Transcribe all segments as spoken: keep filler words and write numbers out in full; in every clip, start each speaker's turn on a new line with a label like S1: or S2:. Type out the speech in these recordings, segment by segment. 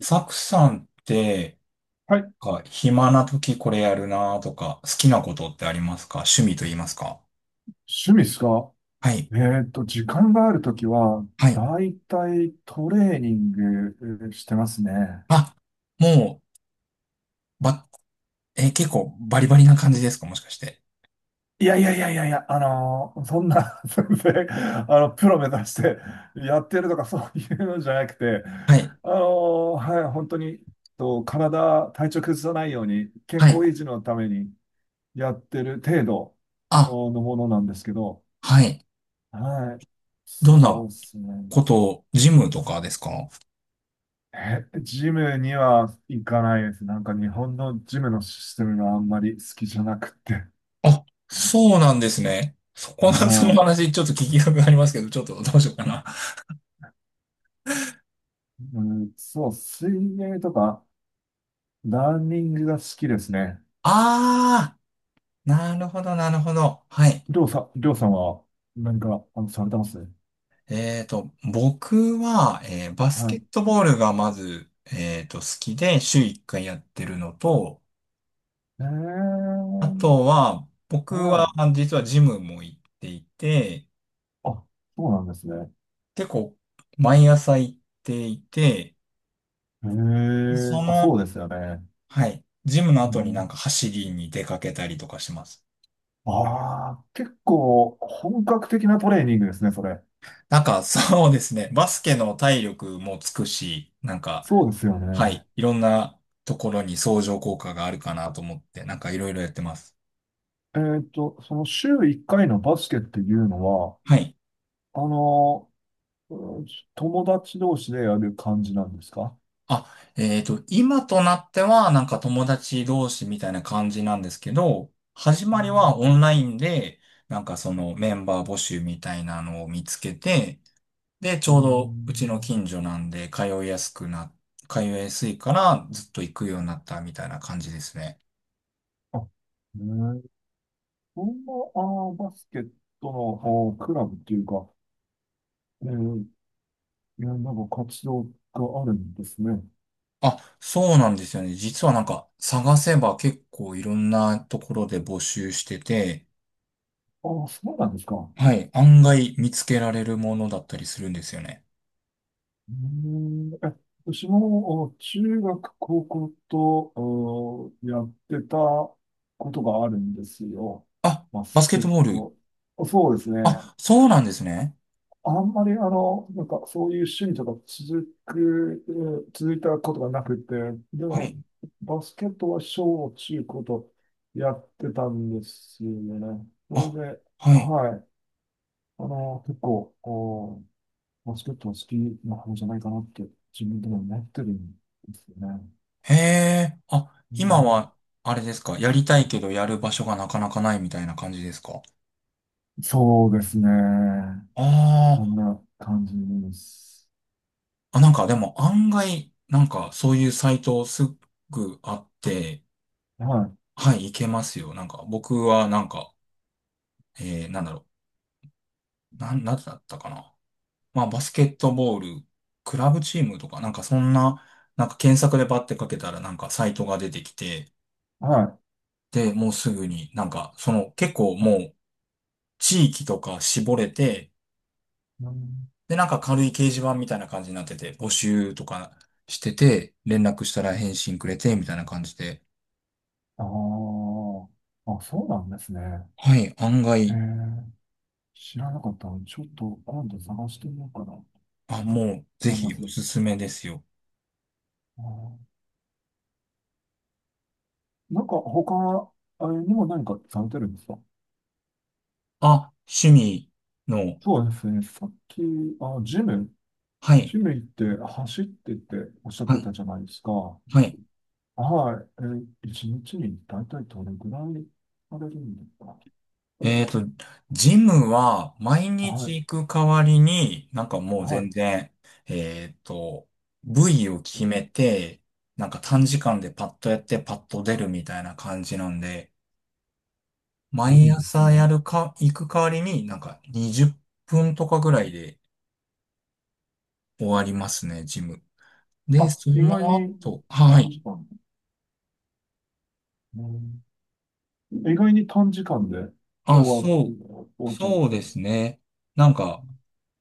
S1: サクさんって、
S2: はい。
S1: か、暇な時これやるなとか、好きなことってありますか？趣味と言いますか？
S2: 趣味ですか？
S1: はい。
S2: えっと、時間があるときは、
S1: はい。
S2: だいたいトレーニングえーしてますね。
S1: あ、もう、ば、え、結構バリバリな感じですか？もしかして。
S2: いやいやいやいやいや、あのーそんな、全然、あの、プロ目指してやってるとかそういうのじゃなくて、
S1: はい。
S2: あのーはい、本当に、と、体、体調崩さないように、健
S1: は
S2: 康
S1: い。
S2: 維持のためにやってる程度
S1: あ、
S2: のものなんですけど、
S1: はい。
S2: はい、
S1: どんな
S2: そうですね。
S1: ことを、ジムとかですか？
S2: え、ジムには行かないです。なんか日本のジムのシステムがあんまり好きじゃなくて。
S1: あ、そうなんですね。そこの、その
S2: はい。
S1: 話、ちょっと聞きたくありますけど、ちょっとどうしようかな。
S2: うん、そう、水泳とか、ランニングが好きですね。
S1: ああ、なるほど、なるほど。はい。
S2: りょうさん、りょうさんは何か、あの、されてます
S1: えっと、僕は、えーバス
S2: は
S1: ケ
S2: い。
S1: ットボールがまず、えっと、好きで週いっかいやってるのと、
S2: え
S1: あ
S2: ー、
S1: とは、僕
S2: は
S1: は
S2: い。
S1: あ実はジムも行っていて、
S2: あ、そうなんですね。
S1: 結構毎朝行っていて、
S2: え
S1: でそ
S2: ー、あ、そう
S1: の、
S2: ですよね。
S1: はい、ジムの
S2: う
S1: 後になん
S2: ん、
S1: か走りに出かけたりとかします。
S2: ああ、結構本格的なトレーニングですね、それ。
S1: なんか そうですね、バスケの体力もつくし、なんか、
S2: そうですよ
S1: は
S2: ね。
S1: い、いろんなところに相乗効果があるかなと思って、なんかいろいろやってます。
S2: えーっと、その週いっかいのバスケっていうのは、
S1: はい。
S2: あの、うん、友達同士でやる感じなんですか？
S1: あ、えっと、今となっては、なんか友達同士みたいな感じなんですけど、始
S2: う
S1: まりは
S2: ん
S1: オンラインで、なんかそのメンバー募集みたいなのを見つけて、で、ち
S2: う
S1: ょうどうちの
S2: ん。
S1: 近所なんで、通いやすくな、通いやすいからずっと行くようになったみたいな感じですね。
S2: あ、ね、えー、そんな、あー、バスケットの、あー、クラブっていうか、えー、いや、なんか活動があるんですね。
S1: あ、そうなんですよね。実はなんか探せば結構いろんなところで募集してて、
S2: ああ、そうなんですか。
S1: はい、案外見つけられるものだったりするんですよね。
S2: うーん。え、私もお中学、高校とおやってたことがあるんですよ。
S1: あ、
S2: バ
S1: バス
S2: ス
S1: ケ
S2: ケ
S1: ット
S2: ッ
S1: ボール。
S2: ト。そうですね。
S1: あ、そうなんですね。
S2: あんまりあの、なんかそういう趣味とか続く、えー続いたことがなくて、で
S1: は
S2: も
S1: い。
S2: バスケットは小中高とやってたんですよね。それで、
S1: あ、はい。
S2: はい。あの、結構、バスケットは好きな方じゃないかなって、自分でも思ってるんですよね。
S1: へえ。あ、
S2: う
S1: 今
S2: ん、
S1: は、あれですか。やりたいけどやる場所がなかなかないみたいな感じですか？
S2: そうですね。
S1: あ
S2: こん
S1: ー
S2: な感じです。
S1: あ、なんかでも案外、なんかそういうサイトすぐあって、
S2: は
S1: はい、いけますよ。なんか僕はなんか、えー、なんだろう。なん、なんだったかな。まあ、バスケットボール、クラブチームとか、なんかそんな、なんか検索でバッてかけたらなんかサイトが出てきて、
S2: い、は
S1: で、もうすぐになんか、その結構もう地域とか絞れて、
S2: い。うん、
S1: で、なんか軽い掲示板みたいな感じになってて、募集とかしてて、連絡したら返信くれて、みたいな感じで。
S2: あーあ、そうなんですね。
S1: はい、案
S2: え
S1: 外、
S2: ー、知らなかったので、ちょっと今度探してみようかなと
S1: あ、もうぜ
S2: 思いま
S1: ひ
S2: す。
S1: おすすめですよ。
S2: あーなんか他、あれにも何かされてるんですか？
S1: あ、趣味の、
S2: そうですね。さっき、あ、ジム、
S1: はい、
S2: ジム行って走ってっておっしゃっ
S1: は
S2: て
S1: い、
S2: たじゃないですか。
S1: はい。
S2: はい。えー、一日に大体どれぐらいされるんですか？
S1: えっと、ジムは毎
S2: は
S1: 日
S2: い。
S1: 行く代わりに、なんかもう
S2: はい。
S1: 全然、えっと、部位を決めて、なんか短時間でパッとやってパッと出るみたいな感じなんで、
S2: 無
S1: 毎
S2: 理です
S1: 朝や
S2: ね。
S1: るか、行く代わりになんかにじゅっぷんとかぐらいで終わりますね、ジム。で、
S2: あ、
S1: そ
S2: 意
S1: の
S2: 外に
S1: 後、は
S2: 短
S1: い。
S2: 時間。うん、意外に短時間で
S1: あ、
S2: 終わ、
S1: そう、
S2: 終わっちゃうんで
S1: そう
S2: す
S1: で
S2: ね。
S1: すね。なんか、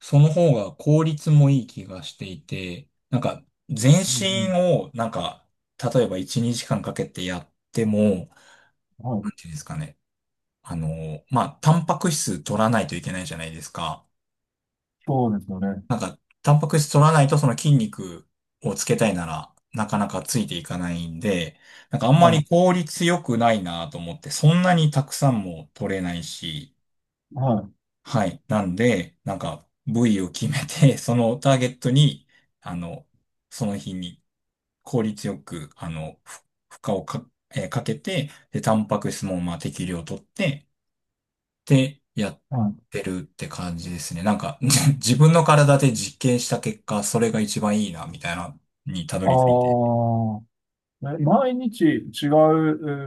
S1: その方が効率もいい気がしていて、なんか、全
S2: うん
S1: 身
S2: う
S1: を、なんか、例えばいち、にじかんかけてやっても、
S2: ん。は
S1: なんて
S2: い。
S1: いうんですかね。あの、まあ、タンパク質取らないといけないじゃないですか。
S2: そうですよね。
S1: なんか、タンパク質取らないとその筋肉をつけたいなら、なかなかついていかないんで、なんかあんま
S2: は
S1: り
S2: い。
S1: 効率良くないなと思って、そんなにたくさんも取れないし、
S2: はい。
S1: はい。なんで、なんか、部位を決めて、そのターゲットに、あの、その日に効率よく、あの、ふ負荷をか、えーかけて、で、タンパク質も、まあ、適量取って、で、やっ
S2: はい。
S1: てるって感じですね。なんか、じ自分の体で実験した結果、それが一番いいな、みたいな、にたど
S2: あ
S1: り着いて。
S2: あ、え毎日違う、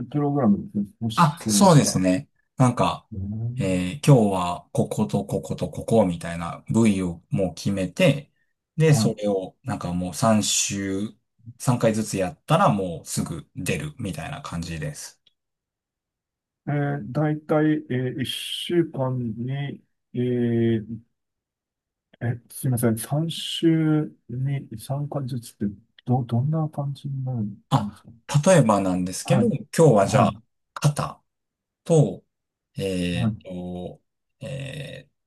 S2: えープログラムですね。もし、
S1: あ、
S2: それで
S1: そう
S2: し
S1: で
S2: たら。
S1: すね。なんか、
S2: うん、
S1: えー今日はこことこことここみたいな部位をもう決めて、で、
S2: は
S1: それをなんかもうさん週、さんかいずつやったらもうすぐ出るみたいな感じです。
S2: い。えー、大体、えー、いっしゅうかんに、えーえ、すいません。さん週に参加ずつって、ど、どんな感じになるんです
S1: あ、
S2: か？
S1: 例えばなんですけ
S2: は
S1: ど、
S2: い。
S1: 今日はじ
S2: は
S1: ゃ
S2: い。
S1: あ、肩と、え
S2: は
S1: っ
S2: い。
S1: と、えー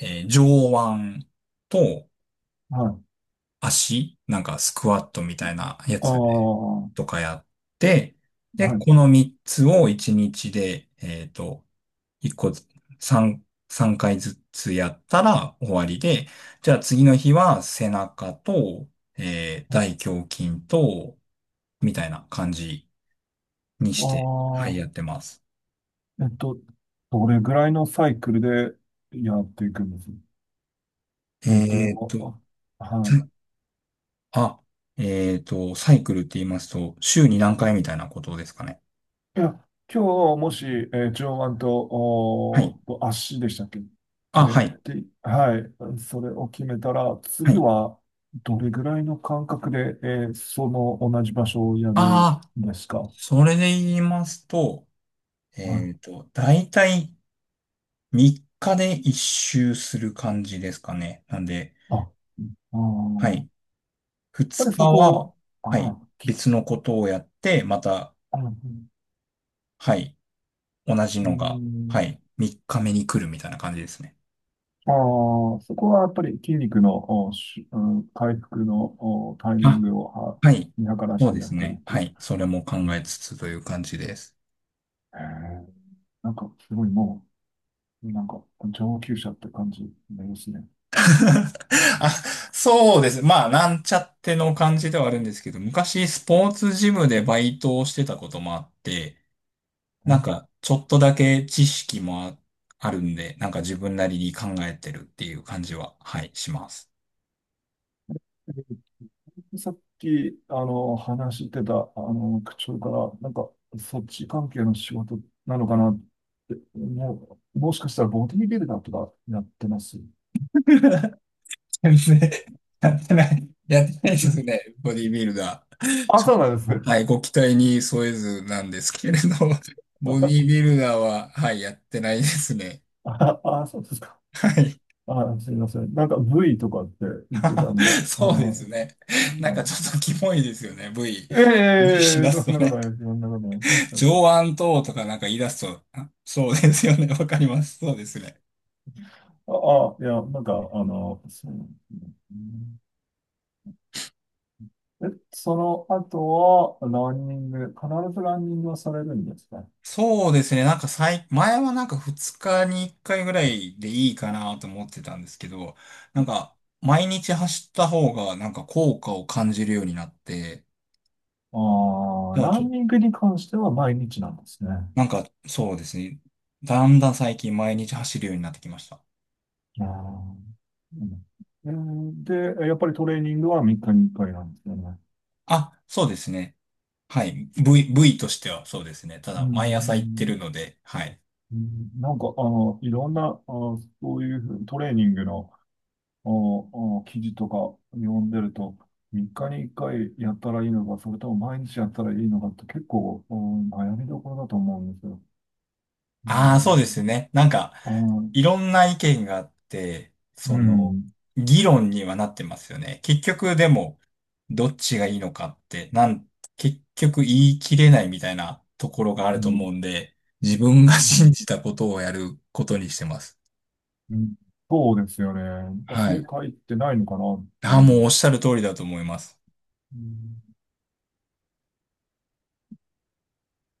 S1: えー上腕と、
S2: はい。
S1: 足、なんかスクワットみたいなや
S2: ああ、
S1: つで、
S2: は
S1: とかやって、で、こ
S2: い。
S1: のみっつをいちにちで、えっと、1個ず、3、さんかいずつやったら終わりで、じゃあ次の日は背中と、えー大胸筋と、みたいな感じにして、はい、
S2: あ
S1: やってます。
S2: あ、えっと、どれぐらいのサイクルでやっていくんです、え、っていう
S1: え
S2: の
S1: っと、
S2: は、あ、はい。
S1: さあ、えっと、サイクルって言いますと、週に何回みたいなことですかね。
S2: いや、今日もし、えー上腕と、
S1: はい。
S2: おーと足でしたっけ？え
S1: あ、は
S2: ー
S1: い。
S2: で、はい、それを決めたら、
S1: は
S2: 次
S1: い。
S2: はどれぐらいの間隔で、えーその同じ場所をやるん
S1: あ、
S2: ですか？はい。
S1: それで言いますと、えっと、だいたいみっかで一周する感じですかね。なんで、
S2: あ、あー、や
S1: は
S2: っ
S1: い。
S2: ぱ
S1: 2
S2: りそ
S1: 日は、
S2: こ
S1: は
S2: は、
S1: い。
S2: あー、
S1: 別のことをやって、また、
S2: あー、
S1: はい。同じ
S2: う
S1: のが、は
S2: ん、
S1: い。みっかめに来るみたいな感じですね。
S2: あー、そこはやっぱり筋肉の、おし、うん、回復の、おタイミン
S1: あ、
S2: グをは
S1: はい。
S2: 見計らっ
S1: そう
S2: て
S1: で
S2: や
S1: す
S2: ってる
S1: ね。
S2: とい
S1: は
S2: う。
S1: い。それも考
S2: う
S1: え
S2: ん、
S1: つつという感じです。
S2: へー、なんかすごいもう、なんか、上級者って感じになりますね。
S1: あ、そうです。まあ、なんちゃっての感じではあるんですけど、昔スポーツジムでバイトをしてたこともあって、なん
S2: う
S1: か、ちょっとだけ知識もあ、あるんで、なんか自分なりに考えてるっていう感じは、はい、します。
S2: さっき、あの、話してた、あの、口調から、なんか、そっち関係の仕事なのかなって、もう、もしかしたらボディビルダーとかやってます？
S1: 全然、やってない、やってないで
S2: う
S1: す
S2: ん、
S1: ね、ボディービルダー。
S2: あ、
S1: ちょっ
S2: そうなんですね。
S1: とはい、ご期待に添えずなんですけれど、ボディー ビルダーは、はい、やってないですね。
S2: あ、あ、そうですか。
S1: はい。
S2: あ、すみません。なんか、V とかって言ってたんで、あ
S1: そうです
S2: ー、
S1: ね。
S2: う
S1: なんかちょ
S2: ん、
S1: っとキモいですよね、ブイ。し
S2: ええ、
S1: だ
S2: そ
S1: すと
S2: んなこと
S1: ね。
S2: ないそんなことね。だって、
S1: 上腕等とかなんか言い出すと、あ、そうですよね、わかります。そうですね。
S2: あ、あいや、なんか、あの、そう。うん、え、その後は、ランニング、必ずランニングはされるんですか？
S1: そうですね。なんか最、前はなんかふつかにいっかいぐらいでいいかなと思ってたんですけど、なんか毎日走った方がなんか効果を感じるようになって、
S2: ああ、
S1: じゃあ
S2: ラ
S1: ちょ、
S2: ンニングに関しては毎日なんですね。
S1: なんかそうですね。だんだん最近毎日走るようになってきました。
S2: ああ、うん、で、やっぱりトレーニングはみっかにいっかいなんですよね。
S1: あ、そうですね。はい。部位、部位としてはそうですね。た
S2: う
S1: だ毎朝行って
S2: ん、
S1: るので、はい。
S2: うん、なんか、あの、いろんな、あ、そういうトレーニングの、あ、あ、記事とか読んでると、みっかにいっかいやったらいいのか、それとも毎日やったらいいのかって結構、うん、悩みどころだと思うんですよ。う
S1: ああ、そうで
S2: ん、
S1: すね。なんか、
S2: ああ、うん、
S1: いろんな意見があって、
S2: う
S1: その、
S2: ん、
S1: 議論にはなってますよね。結局、でも、どっちがいいのかって、なん、結局言い切れないみたいなところがあ
S2: う
S1: ると
S2: ん、
S1: 思うんで、自分が信じたことをやることにしてます。
S2: うん、そうですよね。なんか
S1: は
S2: 正
S1: い。
S2: 解ってないのかなって
S1: ああ、も
S2: い
S1: うお
S2: う。
S1: っしゃる通りだと思います。
S2: うん。